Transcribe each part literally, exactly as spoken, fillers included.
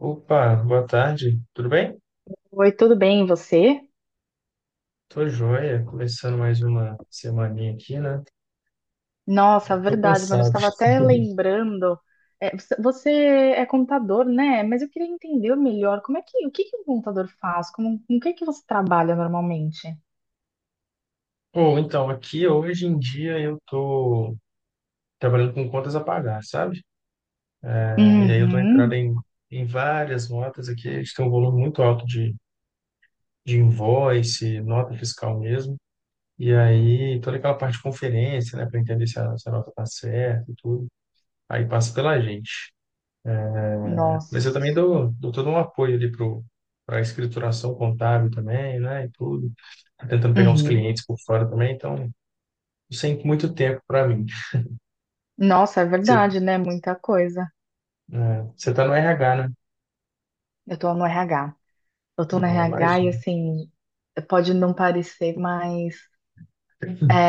Opa, boa tarde, tudo bem? Oi, tudo bem, e você? Tô joia, começando mais uma semaninha aqui, né? Já Nossa, tô verdade, mano, eu cansado. estava até lembrando. É, você você é contador, né? Mas eu queria entender melhor como é que, o que que um contador faz? Como, com o que que você trabalha normalmente? Pô, então, aqui hoje em dia eu tô trabalhando com contas a pagar, sabe? É, E aí eu tô entrando Uhum. em, em várias notas aqui, a gente tem um volume muito alto de, de invoice, nota fiscal mesmo. E aí toda aquela parte de conferência, né, para entender se a, se a nota tá certa e tudo. Aí passa pela gente. Mas eu Nossa. também dou, dou todo um apoio ali pro, para a escrituração contábil também, né? E tudo. Tô Tentando pegar uns Uhum. clientes por fora também, então sem muito tempo para mim. Nossa, é Você, verdade, né? Muita coisa. É, você tá no R H, né? Eu tô no R H. Eu tô no Eu R H e imagino. assim, pode não parecer, mas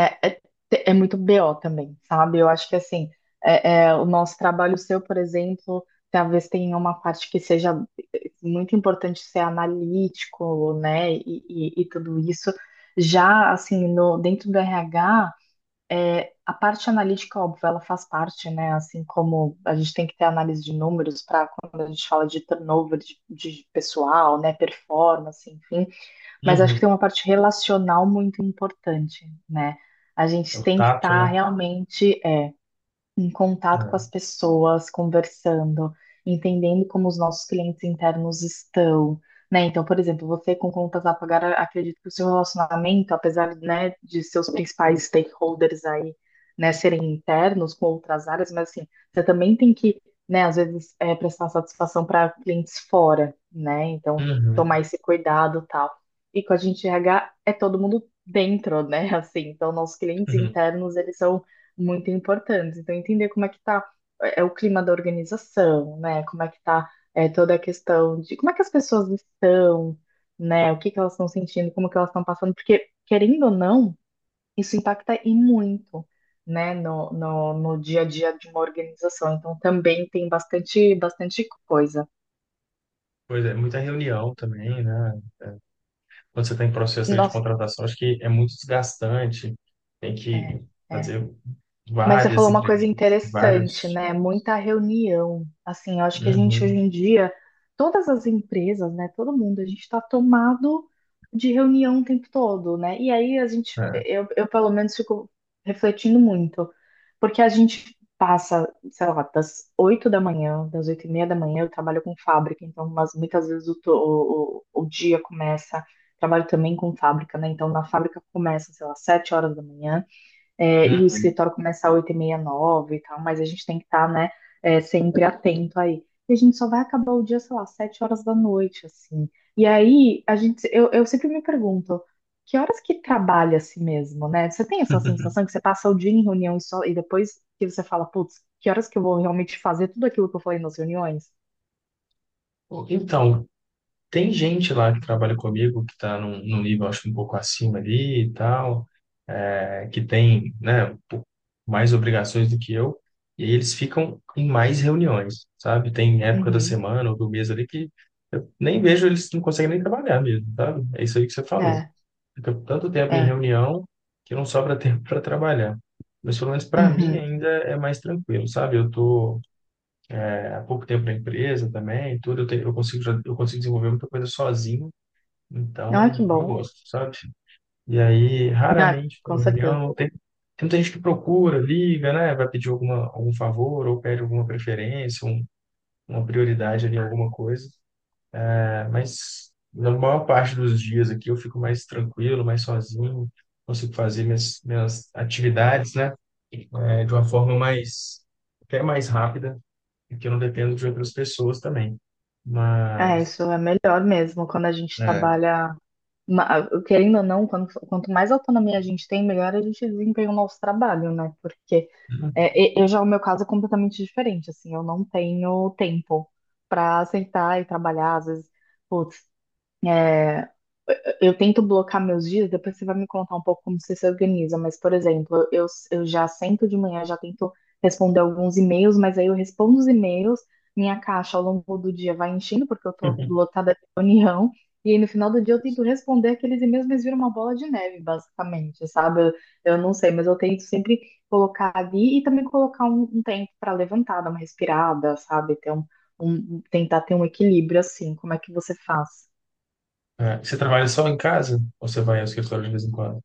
é, é muito B O também, sabe? Eu acho que assim, é, é, o nosso trabalho seu, por exemplo, talvez tenha uma parte que seja eh, muito importante ser analítico, né? E, e- e tudo isso. Já assim, no, dentro do R H, é, a parte analítica, óbvio, ela faz parte, né? Assim como a gente tem que ter análise de números para quando a gente fala de turnover de, de pessoal, né? Performance, enfim. Mas acho que Uhum. tem uma parte relacional muito importante, né? A É gente o tem que tato, estar né? realmente em contato com as É. pessoas, conversando, entendendo como os nossos clientes internos estão, né? Então, por exemplo, você com contas a pagar, acredito que o seu relacionamento, apesar, né, de seus principais stakeholders aí, né, serem internos com outras áreas, mas assim, você também tem que, né, às vezes é, prestar satisfação para clientes fora, né? Então, tomar Uhum. esse cuidado, e tal. E com a gente R H é todo mundo dentro, né? Assim, então nossos clientes Uhum. internos, eles são muito importantes. Então, entender como é que tá é, é o clima da organização, né? Como é que tá é, toda a questão de como é que as pessoas estão, né? O que que elas estão sentindo, como que elas estão passando, porque, querendo ou não, isso impacta e muito, né? No, no, no dia a dia de uma organização. Então, também tem bastante, bastante coisa. Pois é, muita reunião também, né? Quando você está em processo ali de Nossa, contratação, acho que é muito desgastante. Tem que é, é. fazer Mas você várias falou uma coisa entrevistas, interessante, vários. né? Muita reunião. Assim, eu acho que a gente hoje Uhum. em dia, todas as empresas, né? Todo mundo, a gente está tomado de reunião o tempo todo, né? E aí a gente, É. eu, eu pelo menos fico refletindo muito, porque a gente passa, sei lá, das oito da manhã, das oito e meia da manhã, eu trabalho com fábrica, então mas muitas vezes o, to- o, o o dia começa, trabalho também com fábrica, né? Então na fábrica começa, sei lá, sete horas da manhã é, e o Uhum. escritório começa às oito e meia nove, e tal, mas a gente tem que estar, né, é, sempre atento aí. E a gente só vai acabar o dia, sei lá, sete horas da noite, assim. E aí, a gente, eu, eu sempre me pergunto, que horas que trabalha assim mesmo, né? Você tem essa sensação que você passa o dia em reunião e, só, e depois que você fala, putz, que horas que eu vou realmente fazer tudo aquilo que eu falei nas reuniões? Então, tem gente lá que trabalha comigo que está num, num nível, acho, que um pouco acima ali e tal, é, que tem, né, um pouco mais obrigações do que eu, e aí eles ficam em mais reuniões, sabe? Tem época da Uhum, semana ou do mês ali que eu nem vejo, eles não conseguem nem trabalhar mesmo, sabe? É isso aí que você falou. é, Fica tanto tempo em é, reunião que não sobra tempo para trabalhar. Mas pelo menos para mim uhum. ainda é mais tranquilo, sabe? Eu tô é, há pouco tempo na empresa também, tudo, eu, tenho, eu consigo, já- eu consigo desenvolver muita coisa sozinho Não, é então, que eu bom. gosto, sabe? E aí, Ah, raramente, estou com na certeza. reunião, tem, tem muita gente que procura, liga, né? Vai pedir alguma, algum favor ou pede alguma preferência, um- uma prioridade ali, alguma coisa. É, mas na maior parte dos dias aqui eu fico mais tranquilo, mais sozinho, consigo fazer minhas, minhas atividades, né? É, de uma forma mais, até mais rápida, porque eu não dependo de outras pessoas também. É, isso Mas, é melhor mesmo quando a gente é, trabalha ma- Querendo ou não, quando- quanto mais autonomia a gente tem, melhor a gente desempenha o nosso trabalho, né? Porque é, e- eu já, o meu caso é completamente diferente, assim, eu não tenho tempo para aceitar e trabalhar, às vezes, putz, é, eu tento blocar meus dias, depois você vai me contar um pouco como você se organiza, mas, por exemplo, eu, eu já sento de manhã, já tento responder alguns e-mails, mas aí eu respondo os e-mails, minha caixa ao longo do dia vai enchendo, porque eu tô lotada de reunião, e aí no final do dia eu tento responder aqueles e-mails, mas vira uma bola de neve, basicamente, sabe? Eu, eu não sei, mas eu tento sempre colocar ali e também colocar um, um tempo para levantar, dar uma respirada, sabe? Ter um, um, tentar ter um equilíbrio assim, como é que você faz? Ah, você trabalha só em casa? Ou você vai ao escritório de vez em quando?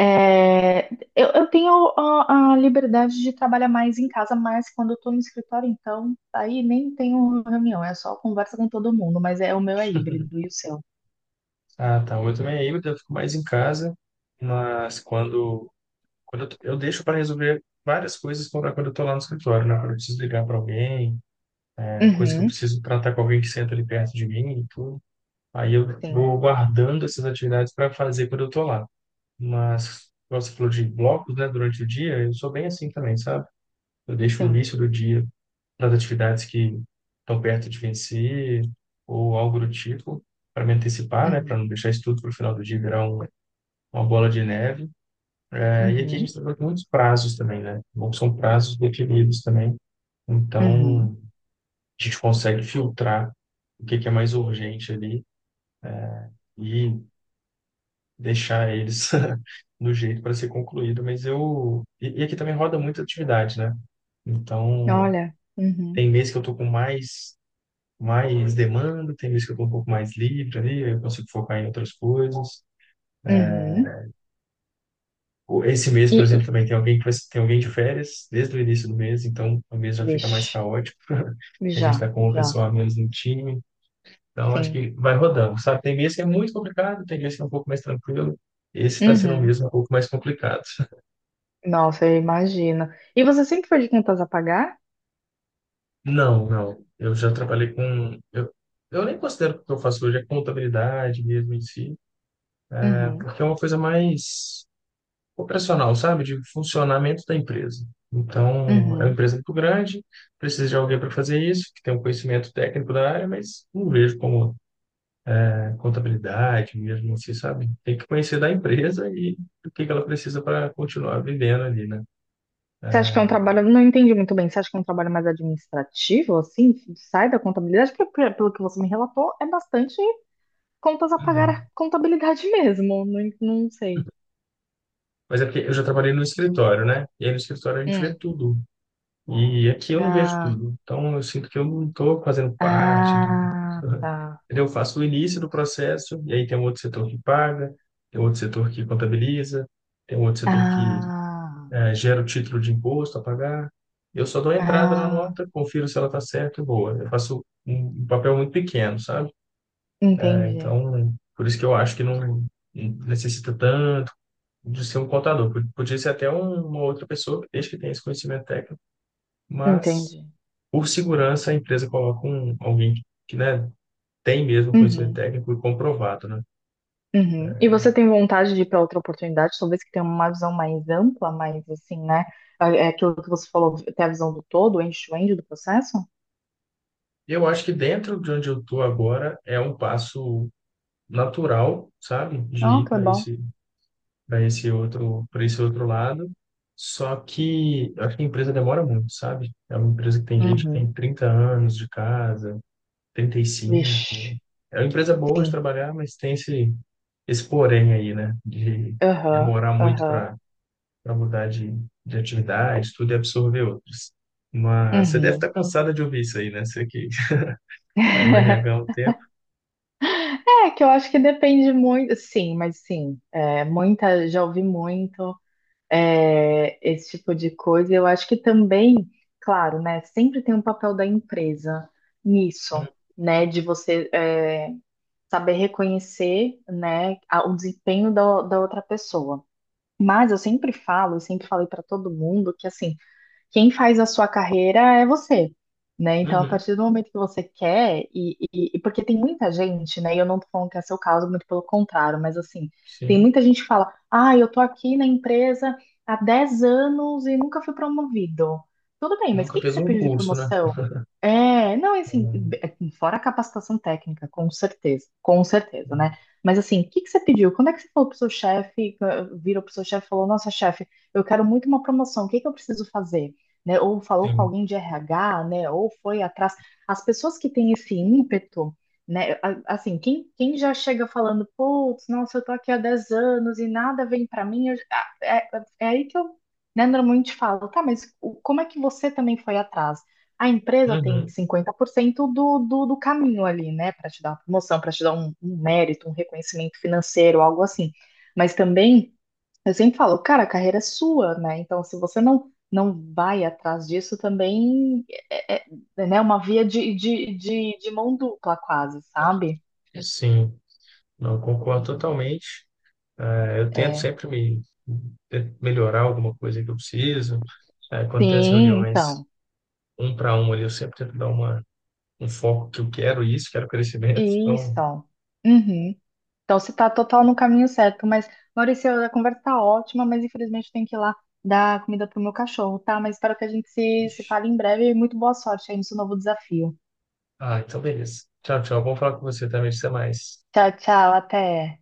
É, eu, eu tenho a, a liberdade de trabalhar mais em casa, mas quando eu tô no escritório, então, aí nem tenho reunião, é só conversa com todo mundo, mas é o meu é híbrido e o seu. Ah, tá. Eu também é eu fico mais em casa, mas quando, quando eu, tô- eu deixo para resolver várias coisas quando, quando eu estou lá no escritório, né? Quando eu preciso ligar para alguém, é, coisa que eu Uhum, preciso tratar com alguém que senta ali perto de mim e tudo. Aí eu sim, vou guardando essas atividades para fazer quando eu estou lá. Mas, igual você falou de blocos, né, durante o dia, eu sou bem assim também, sabe? Eu deixo o sim. início do dia para atividades que estão perto de vencer ou algo do tipo, para me antecipar, né, para Uhum, não deixar isso tudo para o final do dia virar um, uma bola de neve. É, e aqui a uhum, gente trabalha com muitos prazos também, né? Bom, são prazos definidos também, uhum. então a gente consegue filtrar o que que é mais urgente ali e deixar eles no jeito para ser concluído. Mas eu. E, e aqui também roda muita atividade, né? Então, Olha, uhum, tem mês que eu tô com mais mais demanda, tem vezes que eu estou um pouco mais livre ali, aí eu consigo focar em outras coisas. uhum. O- Esse mês, E, por e exemplo, também tem alguém que vai, tem alguém de férias desde o início do mês, então o mês já fica mais vixe, caótico. A gente já, está com o já, pessoal a menos no time, então acho sim. que vai rodando, sabe? Tem mês que é muito complicado, tem mês que é um pouco mais tranquilo. Esse está sendo um Uhum. mês um pouco mais complicado. Nossa, eu imagino. E você sempre foi de contas a pagar? Não, não. Eu já trabalhei com. Eu, eu nem considero que o que eu faço hoje é contabilidade mesmo em si, né? Uhum, Porque é uma coisa mais operacional, sabe? De funcionamento da empresa. Então, é uma uhum. empresa muito grande, precisa de alguém para fazer isso, que tem um conhecimento técnico da área, mas não vejo como né, contabilidade mesmo assim, sabe? Tem que conhecer da empresa e o que que ela precisa para continuar vivendo ali, né? Você acha que é um trabalho, não entendi muito bem, você acha que é um trabalho mais administrativo, assim, que sai da contabilidade? Porque, pe- pelo que você me relatou, é bastante contas a pagar a Uhum. contabilidade mesmo, não, en- não sei. Mas é porque eu já trabalhei no escritório, né? E aí no escritório a gente vê Hum. tudo. E aqui eu não vejo Ah, tudo. Então, eu sinto que eu não estou fazendo parte do. ah, tá. Entendeu? Eu faço o início do processo, e aí tem um outro setor que paga, tem outro setor que contabiliza, tem um outro setor que Ah, eh, gera o título de imposto a pagar. Eu só dou a entrada na ah, nota, confiro se ela está certa e boa. Eu faço um um papel muito pequeno, sabe? entendi, Então, por isso que eu acho que não necessita tanto de ser um contador. Pod- Podia ser até um- uma outra pessoa, desde que tenha esse conhecimento técnico, mas entendi. por segurança, a empresa coloca um, alguém que, que, né, tem mesmo conhecimento Uhum, técnico e comprovado, né? uhum. E você tem vontade de ir para outra oportunidade, talvez que tenha uma visão mais ampla, mais assim, né? É é aquilo que você falou, ter a visão do todo, end-to-end do processo? E Eu acho que dentro de onde eu estou agora é um passo natural, sabe, de Ah, ir que para legal. esse, para esse outro, para esse outro lado. Só que eu acho que a empresa demora muito, sabe? É uma empresa que tem gente que Uhum. tem trinta anos de casa, trinta e Vixe. cinco. É uma empresa boa de Sim. trabalhar, mas tem esse, esse porém aí, né? De Aham, demorar muito aham, para para mudar de, de atividade, tudo e absorver outras. Mas você deve estar uhum. cansada de ouvir isso aí, né? Você que está no R H há um tempo. É que eu acho que depende muito, sim, mas sim, é, muita, já ouvi muito é, esse tipo de coisa. Eu acho que também, claro, né, sempre tem um papel da empresa nisso, né, de você é, saber reconhecer, né, a- o desempenho da, da outra pessoa. Mas eu sempre falo, eu sempre falei para todo mundo que assim quem faz a sua carreira é você, né? Então, a Uhum, partir do momento que você quer, e, e- e porque tem muita gente, né? E eu não tô falando que é seu caso, muito pelo contrário, mas assim, tem sim. muita gente que fala: ah, eu tô aqui na empresa há dez anos e nunca fui promovido. Tudo bem, E mas o nunca que que fez você um pediu de curso, né? promoção? É, não, assim, Hum, fora a capacitação técnica, com certeza, com certeza, né? Mas assim, o que que você pediu? Quando é que você falou pro seu chefe, virou pro seu chefe e falou, nossa, chefe, eu quero muito uma promoção, o que que eu preciso fazer? Né? Ou falou com sim. alguém de R H, né? Ou foi atrás. As pessoas que têm esse ímpeto, né? A- Assim, quem, quem já chega falando, putz, nossa, eu tô aqui há dez anos e nada vem pra mim, eu- ah, é, é aí que eu, né, normalmente falo, tá, mas o- como é que você também foi atrás? A empresa tem Uhum. cinquenta por cento do, do, do caminho ali, né? Para te dar uma promoção, para te dar um, um mérito, um reconhecimento financeiro, algo assim. Mas também eu sempre falo, cara, a carreira é sua, né? Então, se você não não vai atrás disso, também é, é- é, né, uma via de, de, de, de mão dupla, quase, sabe? Sim, não concordo totalmente. Eh, eu tento É. sempre me te- melhorar alguma coisa que eu preciso. Eh, quando tem as Sim, reuniões então. um para um ali, eu sempre tento dar uma, um foco que eu quero isso, quero crescimento. Isso. Então, Uhum. Então, você está total no caminho certo. Mas, Maurício, a conversa tá ótima, mas infelizmente eu tenho que ir lá dar comida pro meu cachorro, tá? Mas espero que a gente se, se fale em breve e muito boa sorte aí no seu novo desafio. ah, então beleza. Tchau, tchau. Bom falar com você também. Até mais. Tchau, tchau, até.